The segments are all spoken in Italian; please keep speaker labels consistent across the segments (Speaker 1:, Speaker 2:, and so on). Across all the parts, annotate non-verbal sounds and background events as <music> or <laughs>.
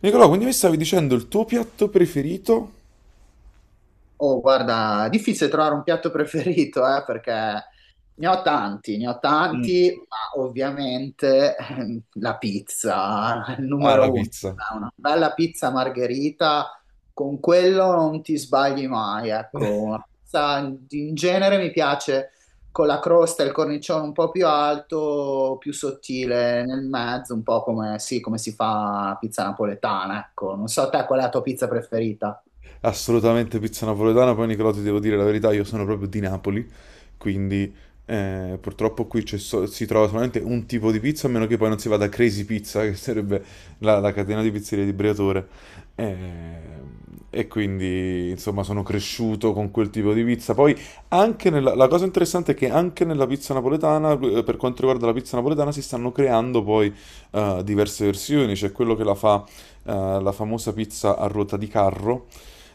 Speaker 1: Nicolò, quindi mi stavi dicendo il tuo piatto preferito?
Speaker 2: Oh, guarda, difficile trovare un piatto preferito, perché ne ho
Speaker 1: Mm.
Speaker 2: tanti, ma ovviamente <laughs> la pizza, il
Speaker 1: Ah, la
Speaker 2: numero uno.
Speaker 1: pizza.
Speaker 2: Ah, una bella pizza margherita, con quello non ti sbagli mai, ecco. Una pizza in genere mi piace con la crosta e il cornicione un po' più alto, più sottile nel mezzo, un po' come, sì, come si fa la pizza napoletana, ecco. Non so te qual è la tua pizza preferita.
Speaker 1: Assolutamente pizza napoletana. Poi, Nicolò, ti devo dire la verità, io sono proprio di Napoli, quindi purtroppo qui si trova solamente un tipo di pizza, a meno che poi non si vada a Crazy Pizza, che sarebbe la catena di pizzerie di Briatore. Eh, E quindi, insomma, sono cresciuto con quel tipo di pizza. Poi, la cosa interessante è che anche nella pizza napoletana, per quanto riguarda la pizza napoletana, si stanno creando poi diverse versioni. C'è quello che la fa, la famosa pizza a ruota di carro.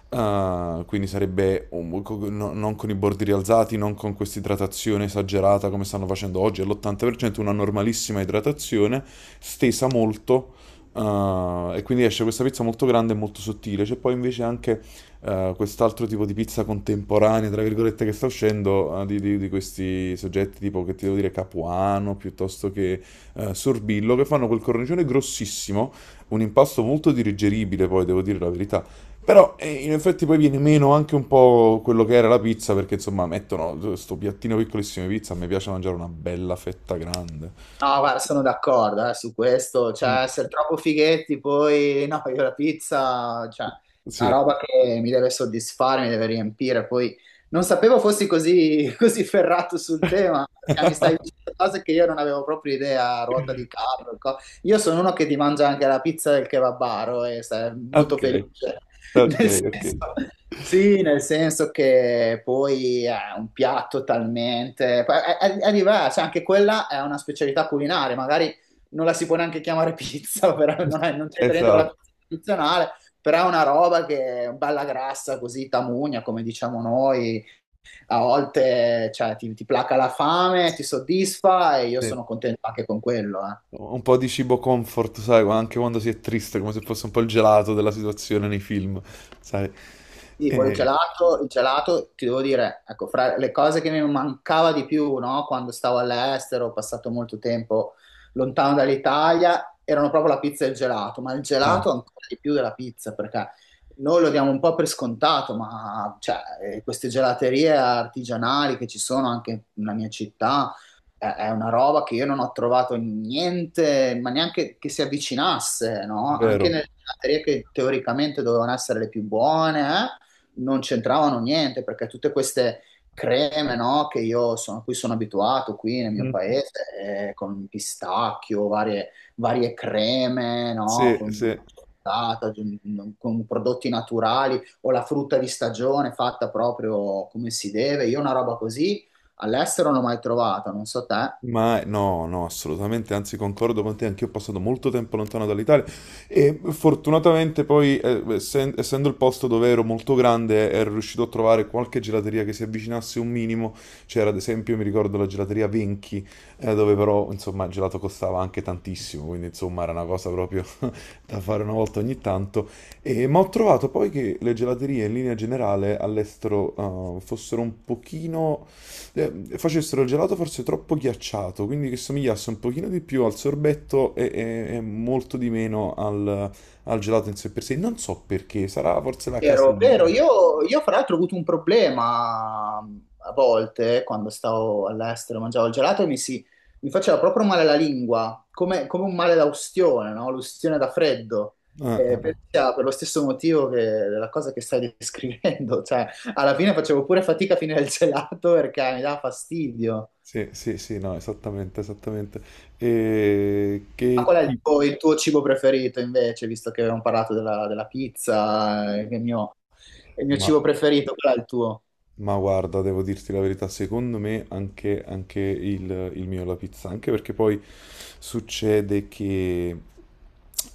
Speaker 1: Ah, quindi sarebbe non con i bordi rialzati, non con questa idratazione esagerata come stanno facendo oggi, all'80%, una normalissima idratazione, stesa molto, ah, e quindi esce questa pizza molto grande e molto sottile. C'è poi invece anche quest'altro tipo di pizza contemporanea, tra virgolette, che sta uscendo, di questi soggetti tipo, che ti devo dire, Capuano, piuttosto che Sorbillo, che fanno quel cornicione grossissimo, un impasto molto digeribile, poi devo dire la verità. Però in effetti poi viene meno anche un po' quello che era la pizza, perché insomma mettono questo piattino piccolissimo di pizza, mi piace mangiare una bella fetta grande.
Speaker 2: No, guarda, sono d'accordo su questo,
Speaker 1: Mm.
Speaker 2: cioè essere troppo fighetti poi, no, io la pizza, cioè, è una
Speaker 1: Sì.
Speaker 2: roba che mi deve soddisfare, mi deve riempire, poi non sapevo fossi così, <laughs> così ferrato sul tema, perché mi stai
Speaker 1: <laughs>
Speaker 2: dicendo cose che io non avevo proprio idea, ruota di carro, io sono uno che ti mangia anche la pizza del kebabaro e sei molto
Speaker 1: Ok,
Speaker 2: felice. <laughs>
Speaker 1: ok,
Speaker 2: Nel
Speaker 1: ok.
Speaker 2: senso, sì, nel senso che poi è un piatto talmente, poi è diverso, cioè anche quella è una specialità culinaria, magari non la si può neanche chiamare pizza, <laughs> però non c'entra niente con la
Speaker 1: Esatto,
Speaker 2: pizza tradizionale, però è una roba che è bella grassa, così tamugna, come diciamo noi, a volte cioè, ti placa la fame, ti soddisfa e io
Speaker 1: sì.
Speaker 2: sono contento anche con quello, eh.
Speaker 1: Un po' di cibo comfort, sai, anche quando si è triste, come se fosse un po' il gelato della situazione nei film, sai.
Speaker 2: Sì, poi
Speaker 1: Eh,
Speaker 2: il gelato, ti devo dire, ecco, fra le cose che mi mancava di più, no, quando stavo all'estero, ho passato molto tempo lontano dall'Italia, erano proprio la pizza e il gelato, ma il
Speaker 1: ah,
Speaker 2: gelato ancora di più della pizza, perché noi lo diamo un po' per scontato, ma cioè, queste gelaterie artigianali che ci sono anche nella mia città, è una roba che io non ho trovato niente, ma neanche che si avvicinasse,
Speaker 1: è
Speaker 2: no? Anche
Speaker 1: vero.
Speaker 2: nelle gelaterie che teoricamente dovevano essere le più buone, eh? Non c'entravano niente perché tutte queste creme, no, che io sono, a cui sono abituato qui nel mio
Speaker 1: Mhm.
Speaker 2: paese, con pistacchio, varie, varie creme, no,
Speaker 1: Sì,
Speaker 2: con,
Speaker 1: sì.
Speaker 2: con prodotti naturali o la frutta di stagione fatta proprio come si deve. Io una roba così all'estero non l'ho mai trovata, non so te.
Speaker 1: Ma no, no, assolutamente, anzi concordo con te, anch'io ho passato molto tempo lontano dall'Italia e fortunatamente poi, essendo il posto dove ero molto grande, ero riuscito a trovare qualche gelateria che si avvicinasse un minimo. C'era ad esempio, mi ricordo, la gelateria Venchi, dove però, insomma, il gelato costava anche tantissimo, quindi insomma era una cosa proprio <laughs> da fare una volta ogni tanto. Ma ho trovato poi che le gelaterie in linea generale all'estero fossero un pochino... eh, facessero il gelato forse troppo ghiacciato, quindi che somigliasse un pochino di più al sorbetto e, e molto di meno al, al gelato in sé per sé. Non so perché, sarà forse la
Speaker 2: Vero, vero.
Speaker 1: caseina.
Speaker 2: Io fra l'altro ho avuto un problema a volte quando stavo all'estero, mangiavo il gelato e mi faceva proprio male la lingua, come, come un male da ustione, no? L'ustione da freddo.
Speaker 1: Ah, ah, ah.
Speaker 2: Sia per lo stesso motivo che la cosa che stai descrivendo, <laughs> cioè alla fine facevo pure fatica a finire il gelato perché mi dava fastidio.
Speaker 1: Sì, sì, sì, no, esattamente, esattamente. E
Speaker 2: Ma
Speaker 1: che
Speaker 2: qual è il tuo cibo preferito invece, visto che abbiamo parlato della pizza, che è il mio cibo
Speaker 1: tipo?
Speaker 2: preferito, qual è il tuo?
Speaker 1: Ma guarda, devo dirti la verità, secondo me anche, anche il mio alla pizza, anche perché poi succede che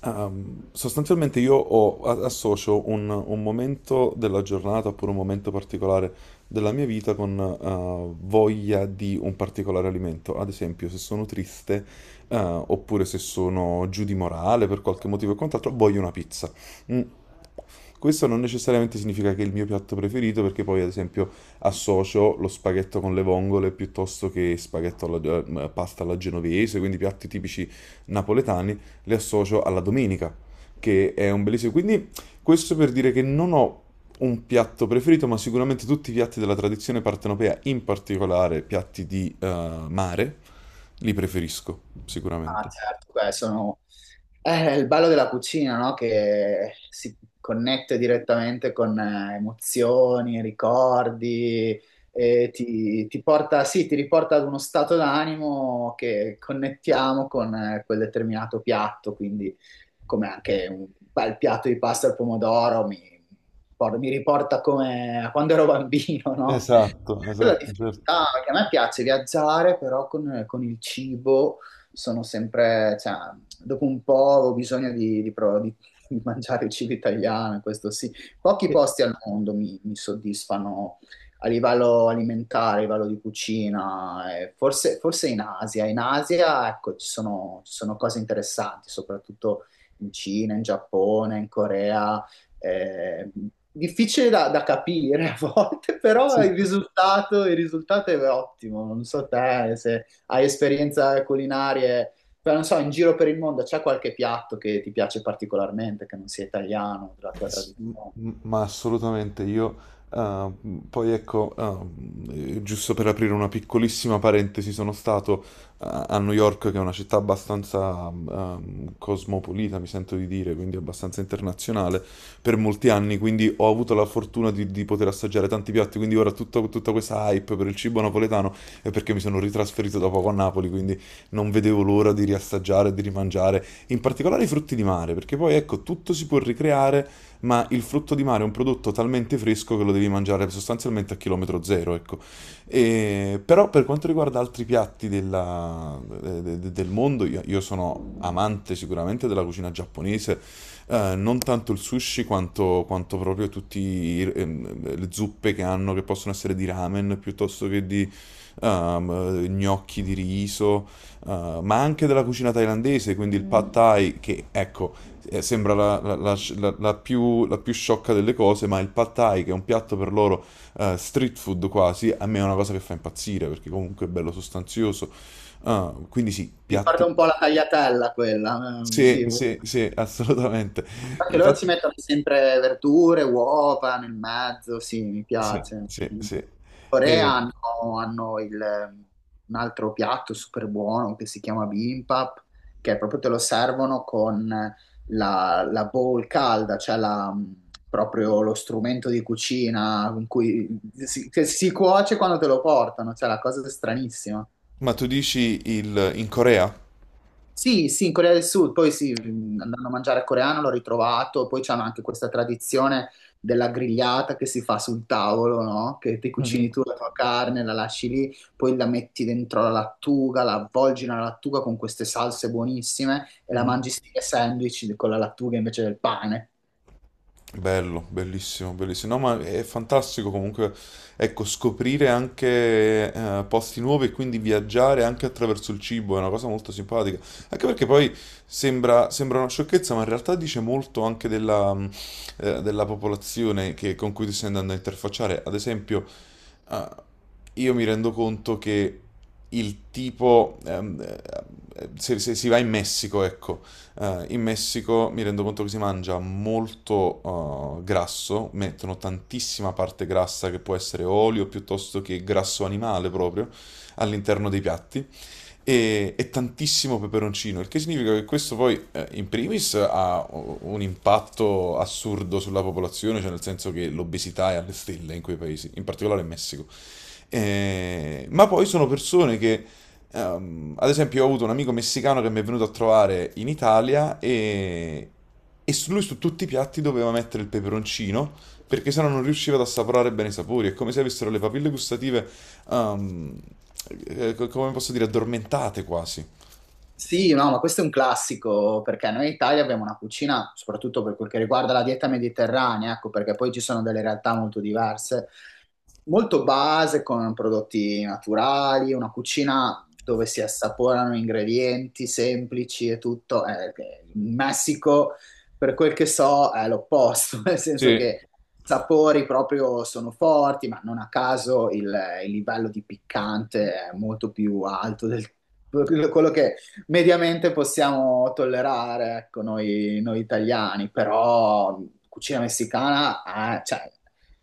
Speaker 1: sostanzialmente associo un momento della giornata oppure un momento particolare della mia vita con voglia di un particolare alimento. Ad esempio, se sono triste oppure se sono giù di morale per qualche motivo e quant'altro, voglio una pizza. Mm, questo non necessariamente significa che è il mio piatto preferito, perché poi ad esempio associo lo spaghetto con le vongole piuttosto che pasta alla genovese, quindi piatti tipici napoletani, li associo alla domenica, che è un bellissimo... Quindi questo per dire che non ho un piatto preferito, ma sicuramente tutti i piatti della tradizione partenopea, in particolare piatti di mare, li preferisco,
Speaker 2: Ah,
Speaker 1: sicuramente.
Speaker 2: certo, beh, il bello della cucina, no? Che si connette direttamente con emozioni, ricordi, e ti porta, sì, ti riporta ad uno stato d'animo che connettiamo con quel determinato piatto, quindi come anche un bel piatto di pasta al pomodoro mi riporta come a quando ero bambino, no?
Speaker 1: Esatto,
Speaker 2: Quella
Speaker 1: esatto, certo.
Speaker 2: difficoltà che a me piace viaggiare, però con il cibo sono sempre, cioè, dopo un po' ho bisogno di mangiare il cibo italiano, questo sì. Pochi
Speaker 1: Eh,
Speaker 2: posti al mondo mi soddisfano a livello alimentare, a livello di cucina, forse in Asia. In Asia, ecco, ci sono cose interessanti, soprattutto in Cina, in Giappone, in Corea eh, difficile da capire a volte, <laughs> però
Speaker 1: sì.
Speaker 2: il risultato è ottimo. Non so te se hai esperienze culinarie, però non so, in giro per il mondo c'è qualche piatto che ti piace particolarmente, che non sia italiano, della tua tradizione.
Speaker 1: Ma assolutamente io, eh, poi ecco, giusto per aprire una piccolissima parentesi, sono stato a New York, che è una città abbastanza cosmopolita, mi sento di dire, quindi abbastanza internazionale, per molti anni, quindi ho avuto la fortuna di poter assaggiare tanti piatti, quindi ora tutta questa hype per il cibo napoletano è perché mi sono ritrasferito da poco a Napoli, quindi non vedevo l'ora di riassaggiare, di rimangiare, in particolare i frutti di mare, perché poi ecco, tutto si può ricreare, ma il frutto di mare è un prodotto talmente fresco che lo devi mangiare sostanzialmente a chilometro zero, ecco. Però per quanto riguarda altri piatti del mondo, io sono amante sicuramente della cucina giapponese, non tanto il sushi quanto, quanto proprio tutte le zuppe che hanno, che possono essere di ramen piuttosto che di gnocchi di riso, ma anche della cucina thailandese, quindi il pad thai, che ecco, sembra la più sciocca delle cose, ma il pad thai, che è un piatto per loro street food quasi, a me è una cosa che fa impazzire, perché comunque è bello sostanzioso. Ah, quindi sì,
Speaker 2: Ricorda
Speaker 1: piatti.
Speaker 2: un po' la tagliatella quella,
Speaker 1: Sì,
Speaker 2: sì.
Speaker 1: sì, sì, assolutamente.
Speaker 2: Anche loro
Speaker 1: Infatti,
Speaker 2: ci mettono sempre verdure, uova nel mezzo, sì, mi
Speaker 1: sì,
Speaker 2: piace.
Speaker 1: sì,
Speaker 2: In
Speaker 1: sì.
Speaker 2: Corea
Speaker 1: E-
Speaker 2: un altro piatto super buono che si chiama bibimbap, che proprio te lo servono con la bowl calda, cioè proprio lo strumento di cucina in cui si, che si cuoce quando te lo portano, cioè la cosa stranissima.
Speaker 1: ma tu dici il, in Corea?
Speaker 2: Sì, sì, in Corea del Sud, poi sì, andando a mangiare coreano l'ho ritrovato, poi c'hanno anche questa tradizione della grigliata che si fa sul tavolo, no? Che ti
Speaker 1: Mhm,
Speaker 2: cucini tu la tua carne, la lasci lì, poi la metti dentro la lattuga, la avvolgi nella lattuga con queste salse buonissime e la
Speaker 1: mhm.
Speaker 2: mangi stile sandwich con la lattuga invece del pane.
Speaker 1: Bello, bellissimo, bellissimo. No, ma è fantastico comunque, ecco, scoprire anche posti nuovi e quindi viaggiare anche attraverso il cibo è una cosa molto simpatica. Anche perché poi sembra, sembra una sciocchezza, ma in realtà dice molto anche della, della popolazione con cui ti stai andando a interfacciare. Ad esempio, eh, io mi rendo conto che il tipo, se, se si va in Messico, ecco. In Messico mi rendo conto che si mangia molto grasso, mettono tantissima parte grassa che può essere olio piuttosto che grasso animale proprio all'interno dei piatti e tantissimo peperoncino, il che significa che questo poi in primis ha un impatto assurdo sulla popolazione, cioè nel senso che l'obesità è alle stelle in quei paesi, in particolare in Messico. Ma poi sono persone che, ad esempio, ho avuto un amico messicano che mi è venuto a trovare in Italia e su lui su tutti i piatti doveva mettere il peperoncino perché sennò non riusciva ad assaporare bene i sapori. È come se avessero le papille gustative, ehm, come posso dire, addormentate quasi.
Speaker 2: Sì, no, ma questo è un classico perché noi in Italia abbiamo una cucina, soprattutto per quel che riguarda la dieta mediterranea, ecco, perché poi ci sono delle realtà molto diverse, molto base con prodotti naturali, una cucina dove si assaporano ingredienti semplici e tutto. In Messico, per quel che so, è l'opposto, <laughs> nel senso
Speaker 1: Sì.
Speaker 2: che i sapori proprio sono forti, ma non a caso il livello di piccante è molto più alto del quello che mediamente possiamo tollerare, ecco, noi italiani, però cucina messicana, cioè,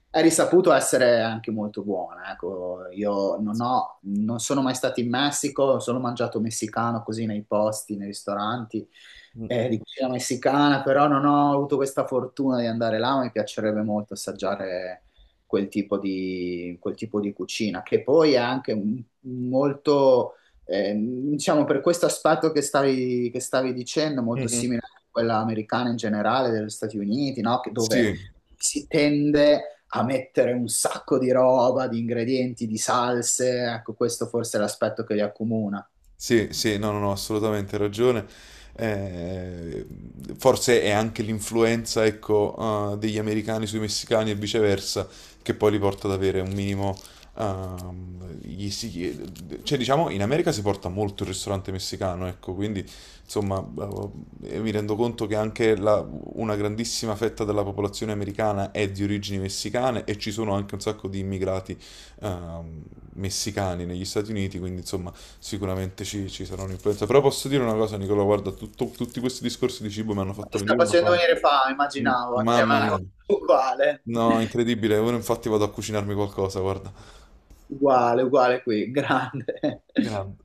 Speaker 2: è risaputo essere anche molto buona, ecco. Io non ho, non sono mai stato in Messico, ho solo mangiato messicano così nei posti, nei ristoranti
Speaker 1: Mm.
Speaker 2: di cucina messicana, però non ho avuto questa fortuna di andare là, ma mi piacerebbe molto assaggiare quel tipo di cucina, che poi è anche molto diciamo per questo aspetto che stavi dicendo, molto
Speaker 1: Mhm.
Speaker 2: simile a quella americana in generale, degli Stati Uniti, no? Dove
Speaker 1: Sì.
Speaker 2: si tende a mettere un sacco di roba, di ingredienti, di salse, ecco, questo forse è l'aspetto che li accomuna.
Speaker 1: Sì, sì, no, no, no, assolutamente ragione. Eh, Forse è anche l'influenza, ecco, degli americani sui messicani e viceversa, che poi li porta ad avere un minimo. ehm, gli si- cioè, diciamo, in America si porta molto il ristorante messicano, ecco, quindi insomma, mi rendo conto che anche una grandissima fetta della popolazione americana è di origini messicane e ci sono anche un sacco di immigrati ehm, messicani negli Stati Uniti, quindi insomma sicuramente ci, ci sarà un'influenza. Però posso dire una cosa, Nicola, guarda, tutti questi discorsi di cibo mi hanno
Speaker 2: Ma ti
Speaker 1: fatto
Speaker 2: sta
Speaker 1: venire una
Speaker 2: facendo
Speaker 1: fame.
Speaker 2: venire fame,
Speaker 1: Mm,
Speaker 2: immaginavo, anche a
Speaker 1: mamma
Speaker 2: me,
Speaker 1: mia.
Speaker 2: <laughs> uguale,
Speaker 1: No, incredibile. Ora infatti vado a cucinarmi qualcosa, guarda.
Speaker 2: uguale, uguale qui, grande.
Speaker 1: Grande.